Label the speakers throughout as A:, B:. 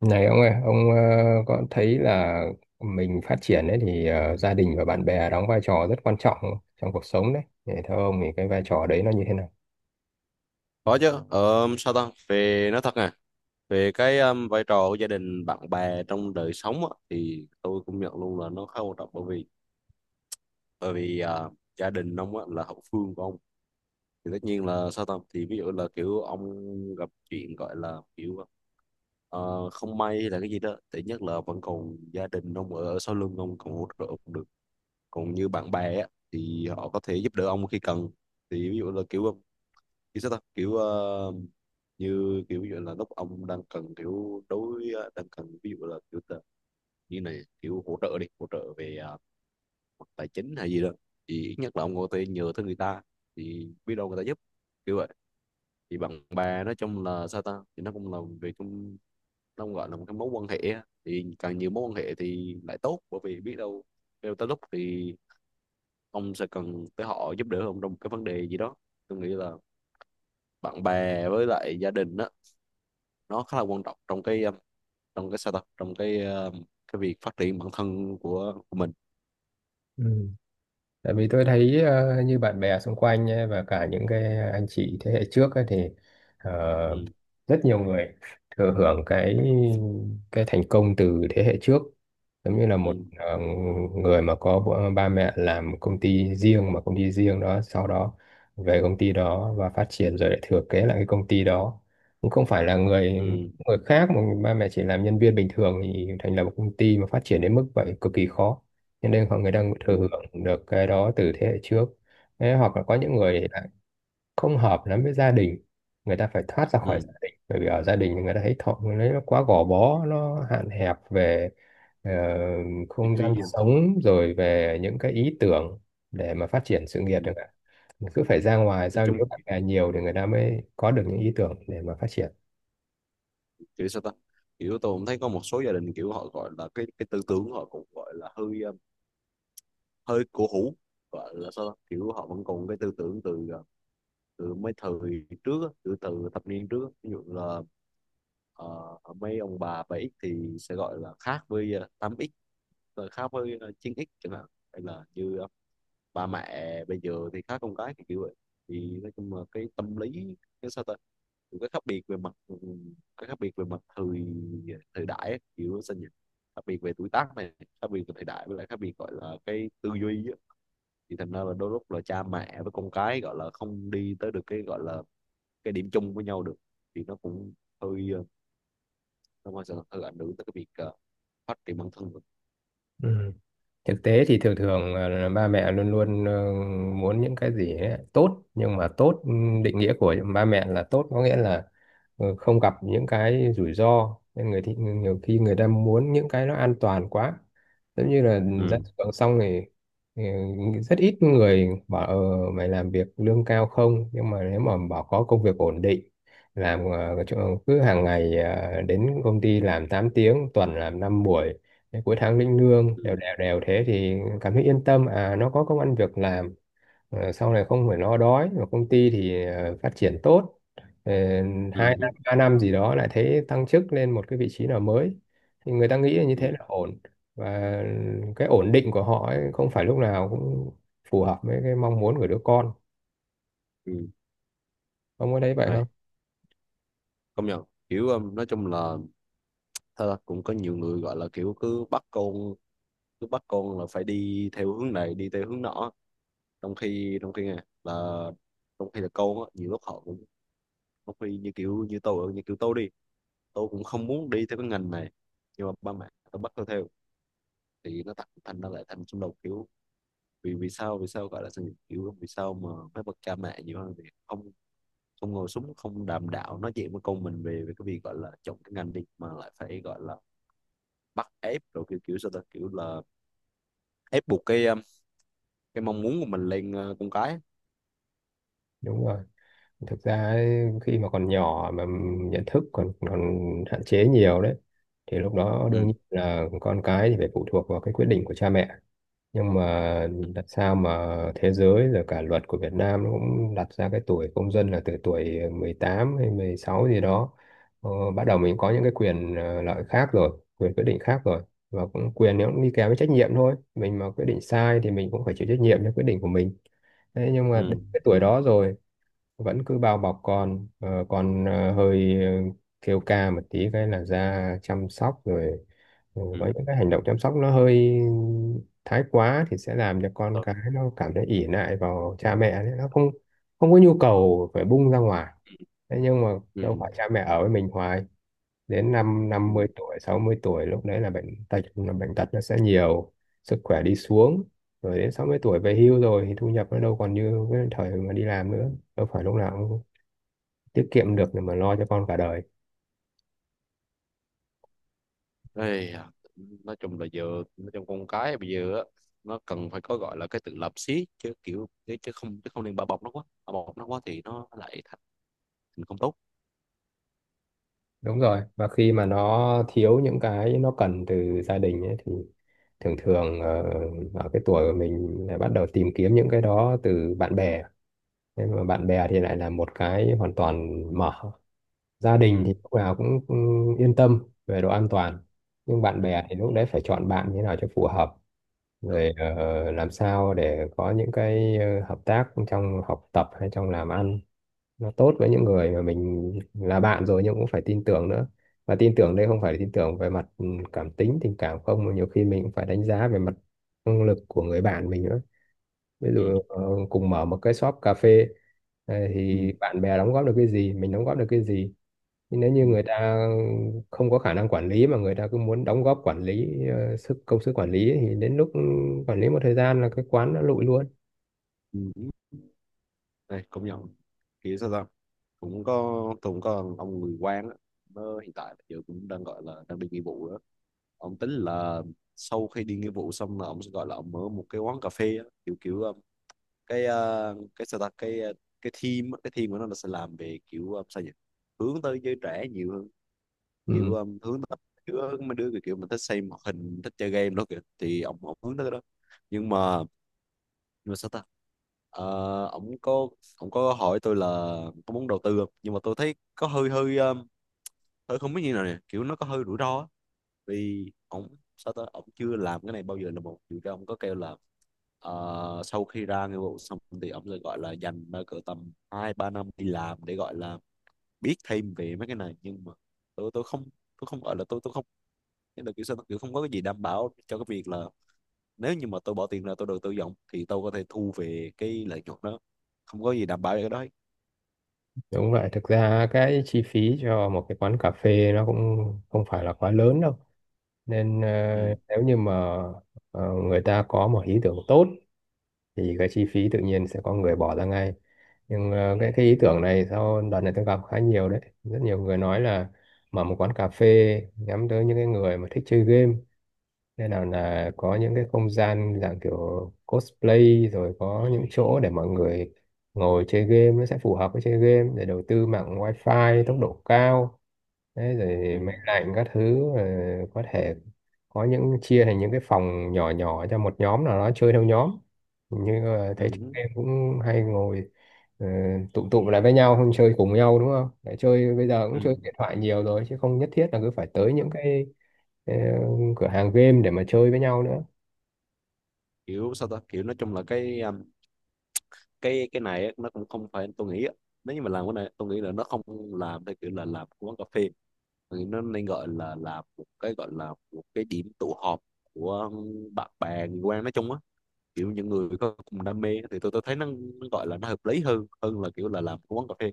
A: Này ông ơi, ông có thấy là mình phát triển ấy thì gia đình và bạn bè đóng vai trò rất quan trọng trong cuộc sống đấy. Để theo ông thì cái vai trò đấy nó như thế nào?
B: Có chứ. Ờ, sao ta Về nói thật nè, về cái vai trò của gia đình bạn bè trong đời sống á, thì tôi cũng nhận luôn là nó khá quan trọng, bởi vì bởi vì à, gia đình ông á, là hậu phương của ông. Thì tất nhiên là sao ta thì ví dụ là kiểu ông gặp chuyện, gọi là kiểu không may hay là cái gì đó, thì nhất là vẫn còn gia đình ông ở sau lưng ông còn hỗ trợ ông được. Còn như bạn bè á, thì họ có thể giúp đỡ ông khi cần. Thì ví dụ là kiểu kiểu sao ta kiểu như kiểu như là lúc ông đang cần kiểu đối đang cần, ví dụ là kiểu như này, kiểu hỗ trợ đi hỗ trợ về à, mặt tài chính hay gì đó, thì ít nhất là ông có thể nhờ tới người ta, thì biết đâu người ta giúp, kiểu vậy. Thì bạn bè nói chung là sao ta thì nó cũng là về trong, nó cũng gọi là một cái mối quan hệ á. Thì càng nhiều mối quan hệ thì lại tốt, bởi vì biết đâu tới lúc thì ông sẽ cần tới họ giúp đỡ ông trong một cái vấn đề gì đó. Tôi nghĩ là bạn bè với lại gia đình á, nó khá là quan trọng trong cái sao ta trong cái việc phát triển bản thân của mình.
A: Ừ. Tại vì tôi thấy như bạn bè xung quanh ấy, và cả những cái anh chị thế hệ trước ấy, thì ờ,
B: Ừ.
A: rất nhiều người thừa hưởng cái thành công từ thế hệ trước, giống như là
B: Ừ.
A: một người mà có ba mẹ làm công ty riêng mà công ty riêng đó sau đó về công ty đó và phát triển rồi lại thừa kế lại cái công ty đó, cũng không phải là người
B: Ừ.
A: người khác mà ba mẹ chỉ làm nhân viên bình thường thì thành lập một công ty mà phát triển đến mức vậy cực kỳ khó, cho nên mọi người đang
B: Ừ.
A: thừa hưởng được cái đó từ thế hệ trước. Thế hoặc là có những
B: Ừ.
A: người lại không hợp lắm với gia đình, người ta phải thoát ra khỏi
B: Ừ.
A: gia đình bởi vì ở gia đình người ta thấy thọ người nó quá gò bó, nó hạn hẹp về ờ,
B: Tôi
A: không
B: chú ý
A: gian
B: gì.
A: sống rồi về những cái ý tưởng để mà phát triển sự nghiệp
B: Ừ.
A: chẳng hạn, cứ phải ra ngoài
B: Nói
A: giao
B: chung,
A: lưu bạn bè nhiều thì người ta mới có được những ý tưởng để mà phát triển.
B: kiểu sao ta kiểu tôi cũng thấy có một số gia đình kiểu họ gọi là cái tư tưởng họ cũng gọi là hơi hơi cổ hủ, gọi là sao ta kiểu họ vẫn còn cái tư tưởng từ uh, từ mấy thời trước á, từ từ thập niên trước á. Ví dụ là ờ, mấy ông bà 7X thì sẽ gọi là khác với 8X, rồi khác với 9X chẳng hạn. Hay là như ba mẹ bây giờ thì khác con cái, thì kiểu vậy. Thì nói chung là cái tâm lý, cái sao ta kiểu cái khác biệt về mặt cái khác biệt về mặt thời thời đại ấy, kiểu sao nhỉ, khác biệt về tuổi tác này, khác biệt về thời đại, với lại khác biệt gọi là cái tư duy á. Thì thành ra là đôi lúc là cha mẹ với con cái gọi là không đi tới được cái gọi là cái điểm chung với nhau được. Thì nó cũng hơi nó mà sẽ hơi ảnh hưởng tới cái việc phát triển bản thân.
A: Ừ. Thực tế thì thường thường là ba mẹ luôn luôn muốn những cái gì ấy, tốt, nhưng mà tốt, định nghĩa của ba mẹ là tốt có nghĩa là không gặp những cái rủi ro, nên người thì nhiều khi người ta muốn những cái nó an toàn quá, giống như là ra
B: Ừ.
A: trường xong thì rất ít người bảo mày làm việc lương cao không, nhưng mà nếu mà bảo có công việc ổn định, làm cứ hàng ngày đến công ty làm 8 tiếng, tuần làm 5 buổi, cái cuối tháng lĩnh lương
B: Ừ.
A: đều đều đều, thế thì cảm thấy yên tâm à nó có công ăn việc làm. Sau này không phải lo đói và công ty thì phát triển tốt. Ờ,
B: Ừ.
A: Hai năm
B: Ừ.
A: ba năm gì đó lại thấy tăng chức lên một cái vị trí nào mới thì người ta nghĩ là như
B: Ừ.
A: thế là ổn. Và cái ổn định của họ ấy, không phải lúc nào cũng phù hợp với cái mong muốn của đứa con.
B: Ừ.
A: Ông có thấy vậy
B: Rồi,
A: không?
B: công nhận. Kiểu nói chung là thật ra cũng có nhiều người gọi là kiểu cứ bắt con, là phải đi theo hướng này đi theo hướng nọ, trong khi nè là trong khi là con á nhiều lúc họ cũng, trong khi như kiểu như tôi, như kiểu tôi đi tôi cũng không muốn đi theo cái ngành này, nhưng mà ba mẹ tôi bắt tôi theo. Thì nó thành thành ra lại thành xung đột, kiểu vì vì sao gọi là sự kiểu vì sao mà phải bậc cha mẹ nhiều hơn thì không, không ngồi xuống không đàm đạo nói chuyện với con mình về về cái việc gọi là chọn cái ngành đi, mà lại phải gọi là bắt ép rồi kiểu kiểu sao ta kiểu là ép buộc cái mong muốn của mình lên con cái.
A: Đúng rồi, thực ra ấy, khi mà còn nhỏ mà nhận thức còn còn hạn chế nhiều đấy thì lúc đó đương
B: Ừ.
A: nhiên là con cái thì phải phụ thuộc vào cái quyết định của cha mẹ. Nhưng mà đặt sao mà thế giới rồi cả luật của Việt Nam nó cũng đặt ra cái tuổi công dân là từ tuổi 18 hay 16 gì đó, ờ, bắt đầu mình có những cái quyền lợi khác rồi quyền quyết định khác rồi, và cũng quyền nó cũng đi kèm với trách nhiệm thôi, mình mà quyết định sai thì mình cũng phải chịu trách nhiệm cho quyết định của mình. Thế nhưng mà đến
B: Ừ.
A: cái tuổi đó rồi vẫn cứ bao bọc con, hơi kêu ca một tí cái là ra chăm sóc rồi,
B: Ừ.
A: với những cái hành động chăm sóc nó hơi thái quá thì sẽ làm cho con
B: Thôi.
A: cái nó cảm thấy ỷ lại vào cha mẹ đấy, nó không không có nhu cầu phải bung ra ngoài. Thế nhưng mà
B: Ừ.
A: đâu phải cha mẹ ở với mình hoài, đến năm
B: Ừ.
A: năm mươi tuổi 60 tuổi lúc đấy là bệnh tật, là bệnh tật nó sẽ nhiều, sức khỏe đi xuống. Rồi đến 60 tuổi về hưu rồi thì thu nhập nó đâu còn như cái thời mà đi làm nữa, đâu phải lúc nào cũng tiết kiệm được để mà lo cho con cả đời.
B: Ây da, nói chung là giờ, nói chung con cái bây giờ á, nó cần phải có gọi là cái tự lập xí, chứ kiểu chứ chứ không nên bao bọc nó quá. Bao bọc nó quá thì nó lại thành thành không tốt.
A: Đúng rồi, và khi mà nó thiếu những cái nó cần từ gia đình ấy, thì thường thường ở cái tuổi của mình lại bắt đầu tìm kiếm những cái đó từ bạn bè. Nhưng mà bạn bè thì lại là một cái hoàn toàn mở, gia đình
B: Ừ.
A: thì lúc nào cũng yên tâm về độ an toàn, nhưng bạn
B: Ừ.
A: bè thì lúc đấy phải chọn bạn như thế nào cho phù hợp,
B: Được.
A: rồi làm sao để có những cái hợp tác trong học tập hay trong làm ăn, nó tốt với những người mà mình là bạn rồi nhưng cũng phải tin tưởng nữa. Và tin tưởng đây không phải là tin tưởng về mặt cảm tính tình cảm không, mà nhiều khi mình cũng phải đánh giá về mặt năng lực của người bạn mình nữa. Ví dụ
B: Ừ.
A: cùng mở một cái shop cà phê,
B: Ừ.
A: thì bạn bè đóng góp được cái gì, mình đóng góp được cái gì. Nhưng nếu như
B: Ừ.
A: người ta không có khả năng quản lý mà người ta cứ muốn đóng góp quản lý công sức quản lý ấy, thì đến lúc quản lý một thời gian là cái quán nó lụi luôn.
B: Ừ. Đây, công nhận, kiểu sao ta cũng có ông người quan á, nó hiện tại giờ cũng đang gọi là đang đi nghĩa vụ đó. Ông tính là sau khi đi nghĩa vụ xong là ông sẽ gọi là ông mở một cái quán cà phê á, kiểu kiểu cái sao ta cái team á, cái team của nó là sẽ làm về kiểu sao nhỉ, hướng tới giới trẻ nhiều hơn. Kiểu
A: Ừ.
B: hướng tới mấy đứa kiểu mình thích xem hoạt hình, thích chơi game đó kìa, thì ông hướng tới cái đó. Nhưng mà sao ta ờ, ổng có ổng có hỏi tôi là có muốn đầu tư không, nhưng mà tôi thấy có hơi hơi tôi không biết như nào nè, kiểu nó có hơi rủi ro á. Vì ổng sao ta ổng chưa làm cái này bao giờ là một điều, ra ổng có kêu là sau khi ra nghĩa vụ xong thì ổng sẽ gọi là dành cỡ tầm hai ba năm đi làm để gọi là biết thêm về mấy cái này, nhưng mà tôi không, tôi không gọi là tôi không, thế là kiểu sao kiểu không có cái gì đảm bảo cho cái việc là nếu như mà tôi bỏ tiền ra tôi đầu tư vọng thì tôi có thể thu về cái lợi nhuận đó. Không có gì đảm bảo về cái đó hết.
A: Đúng vậy, thực ra cái chi phí cho một cái quán cà phê nó cũng không phải là quá lớn đâu. Nên
B: Ừ.
A: nếu như mà người ta có một ý tưởng tốt thì cái chi phí tự nhiên sẽ có người bỏ ra ngay. Nhưng cái ý tưởng này sau đợt này tôi gặp khá nhiều đấy. Rất nhiều người nói là mở một quán cà phê nhắm tới những cái người mà thích chơi game, nên nào là có những cái không gian dạng kiểu cosplay rồi có những chỗ để mọi người ngồi chơi game nó sẽ phù hợp với chơi game, để đầu tư mạng wifi tốc độ cao đấy,
B: Ừ.
A: rồi máy lạnh các thứ, có thể có những chia thành những cái phòng nhỏ nhỏ cho một nhóm nào đó chơi theo nhóm. Như thấy chúng
B: Ừ.
A: em cũng hay ngồi ờ, tụ tụ lại với nhau, không chơi cùng nhau đúng không, để chơi bây giờ cũng
B: Ừ.
A: chơi điện thoại nhiều rồi chứ không nhất thiết là cứ phải tới những cái ờ, cửa hàng game để mà chơi với nhau nữa.
B: kiểu sao ta Kiểu nói chung là cái này á, nó cũng không phải tôi nghĩ á. Nếu như mà làm cái này tôi nghĩ là nó không làm theo kiểu là làm của quán cà phê. Tôi nghĩ nó nên gọi là làm một cái gọi là một cái điểm tụ họp của bạn bè người quen nói chung á, kiểu những người có cùng đam mê, thì tôi thấy nó gọi là nó hợp lý hơn, hơn là kiểu là làm cái quán cà phê.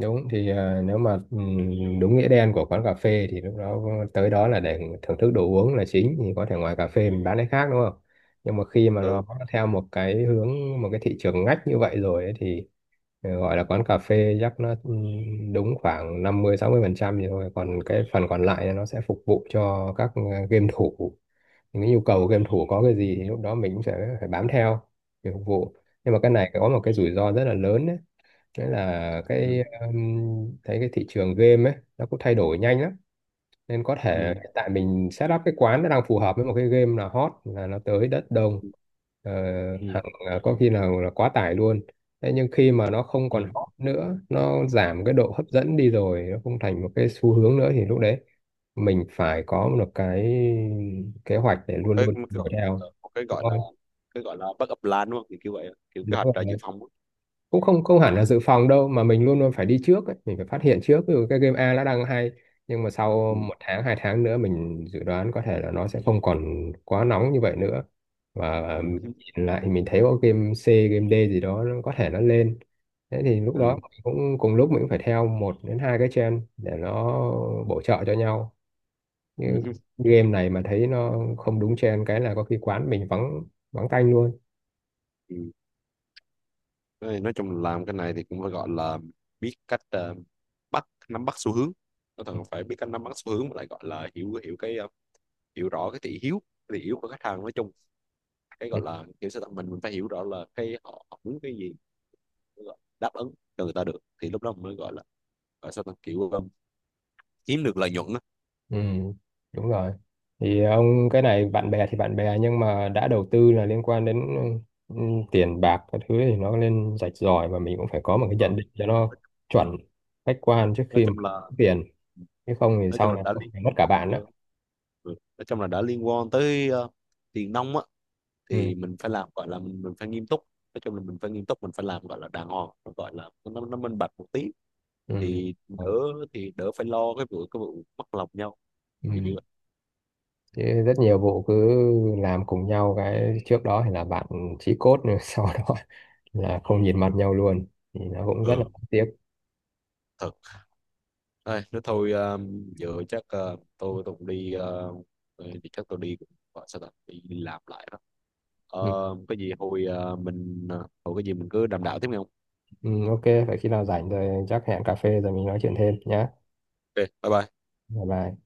A: Đúng thì nếu mà đúng nghĩa đen của quán cà phê thì lúc đó tới đó là để thưởng thức đồ uống là chính, thì có thể ngoài cà phê mình bán cái khác đúng không. Nhưng mà khi mà nó
B: Ừ.
A: theo một cái hướng, một cái thị trường ngách như vậy rồi ấy, thì gọi là quán cà phê chắc nó đúng khoảng 50-60% thì thôi, còn cái phần còn lại nó sẽ phục vụ cho các game thủ, những cái nhu cầu game thủ có cái gì thì lúc đó mình cũng sẽ phải bám theo để phục vụ. Nhưng mà cái này có một cái rủi ro rất là lớn đấy, đấy là
B: Ừ.
A: cái thấy cái thị trường game ấy nó cũng thay đổi nhanh lắm, nên có
B: Ừ.
A: thể hiện tại mình set up cái quán nó đang phù hợp với một cái game là hot là nó tới đất đông. Ờ,
B: Ừ,
A: Hàng có khi nào là quá tải luôn. Thế nhưng khi mà nó không
B: ừ.
A: còn hot nữa, nó giảm cái độ hấp dẫn đi rồi, nó không thành một cái xu hướng nữa thì lúc đấy mình phải có một cái kế hoạch để
B: một
A: luôn
B: cái
A: luôn
B: một cái
A: đuổi
B: gọi
A: theo
B: Một
A: đúng không?
B: cái gọi là backup plan đúng không, kiểu kiểu vậy, kiểu kế
A: Đúng
B: hoạch ra dự
A: rồi.
B: phòng á.
A: Cũng không không hẳn là dự phòng đâu mà mình luôn luôn phải đi trước ấy. Mình phải phát hiện trước, ví dụ cái game A nó đang hay nhưng mà sau
B: Ừ.
A: một tháng hai tháng nữa mình dự đoán có thể là nó sẽ không còn quá nóng như vậy nữa, và
B: Ừ.
A: nhìn lại mình thấy có game C game D gì đó nó có thể nó lên, thế thì lúc đó
B: Ừ.
A: mình cũng cùng lúc mình cũng phải theo một đến hai cái trend để nó bổ trợ cho nhau. Như
B: Ừ.
A: game này mà thấy nó không đúng trend cái là có khi quán mình vắng, vắng tanh luôn.
B: Ừ. Nói chung là làm cái này thì cũng phải gọi là biết cách nắm bắt xu hướng, nó cần phải biết cách nắm bắt xu hướng, mà lại gọi là hiểu hiểu cái hiểu rõ cái thị hiếu, cái thị hiếu của khách hàng nói chung. Cái gọi là mình phải hiểu rõ là họ muốn cái gì, đáp ứng cho người ta được thì lúc đó mới gọi là gọi sao ta kiểu kiếm được lợi nhuận đó.
A: Ừ, đúng rồi. Thì ông cái này bạn bè thì bạn bè nhưng mà đã đầu tư là liên quan đến ừ, ừ, tiền bạc các thứ thì nó nên rạch ròi và mình cũng phải có một cái
B: Ờ,
A: nhận định cho nó chuẩn khách quan trước
B: nói
A: khi mà
B: chung
A: có
B: là
A: tiền, chứ không thì
B: nói chung
A: sau
B: là
A: này
B: đã
A: có
B: liên
A: thể mất cả bạn
B: ờ,
A: đó.
B: ừ, nói chung là đã liên quan tới tiền nong á,
A: Ừ,
B: thì mình phải làm gọi là mình phải nghiêm túc. Nói chung là mình phải nghiêm túc, mình phải làm gọi là đàng hoàng, nó gọi là nó minh bạch một tí,
A: ừ,
B: thì
A: ừ.
B: đỡ, thì đỡ phải lo cái vụ mất lòng nhau,
A: Ừ.
B: thì như vậy.
A: Chứ rất nhiều vụ cứ làm cùng nhau cái trước đó thì là bạn chí cốt rồi sau đó là không nhìn mặt nhau luôn, thì nó cũng rất là
B: Ừ.
A: tiếc.
B: Thật. Đây, nếu thôi giờ chắc tôi cũng đi thì chắc tôi đi cũng gọi sao ta đi, đi làm lại đó.
A: Ừ.
B: Ờ, cái gì hồi hồi cái gì mình cứ đàm đạo tiếp nghe không.
A: Ừ, ok, vậy khi nào rảnh rồi chắc hẹn cà phê rồi mình nói chuyện thêm nhé.
B: OK, bye bye.
A: Bye bye.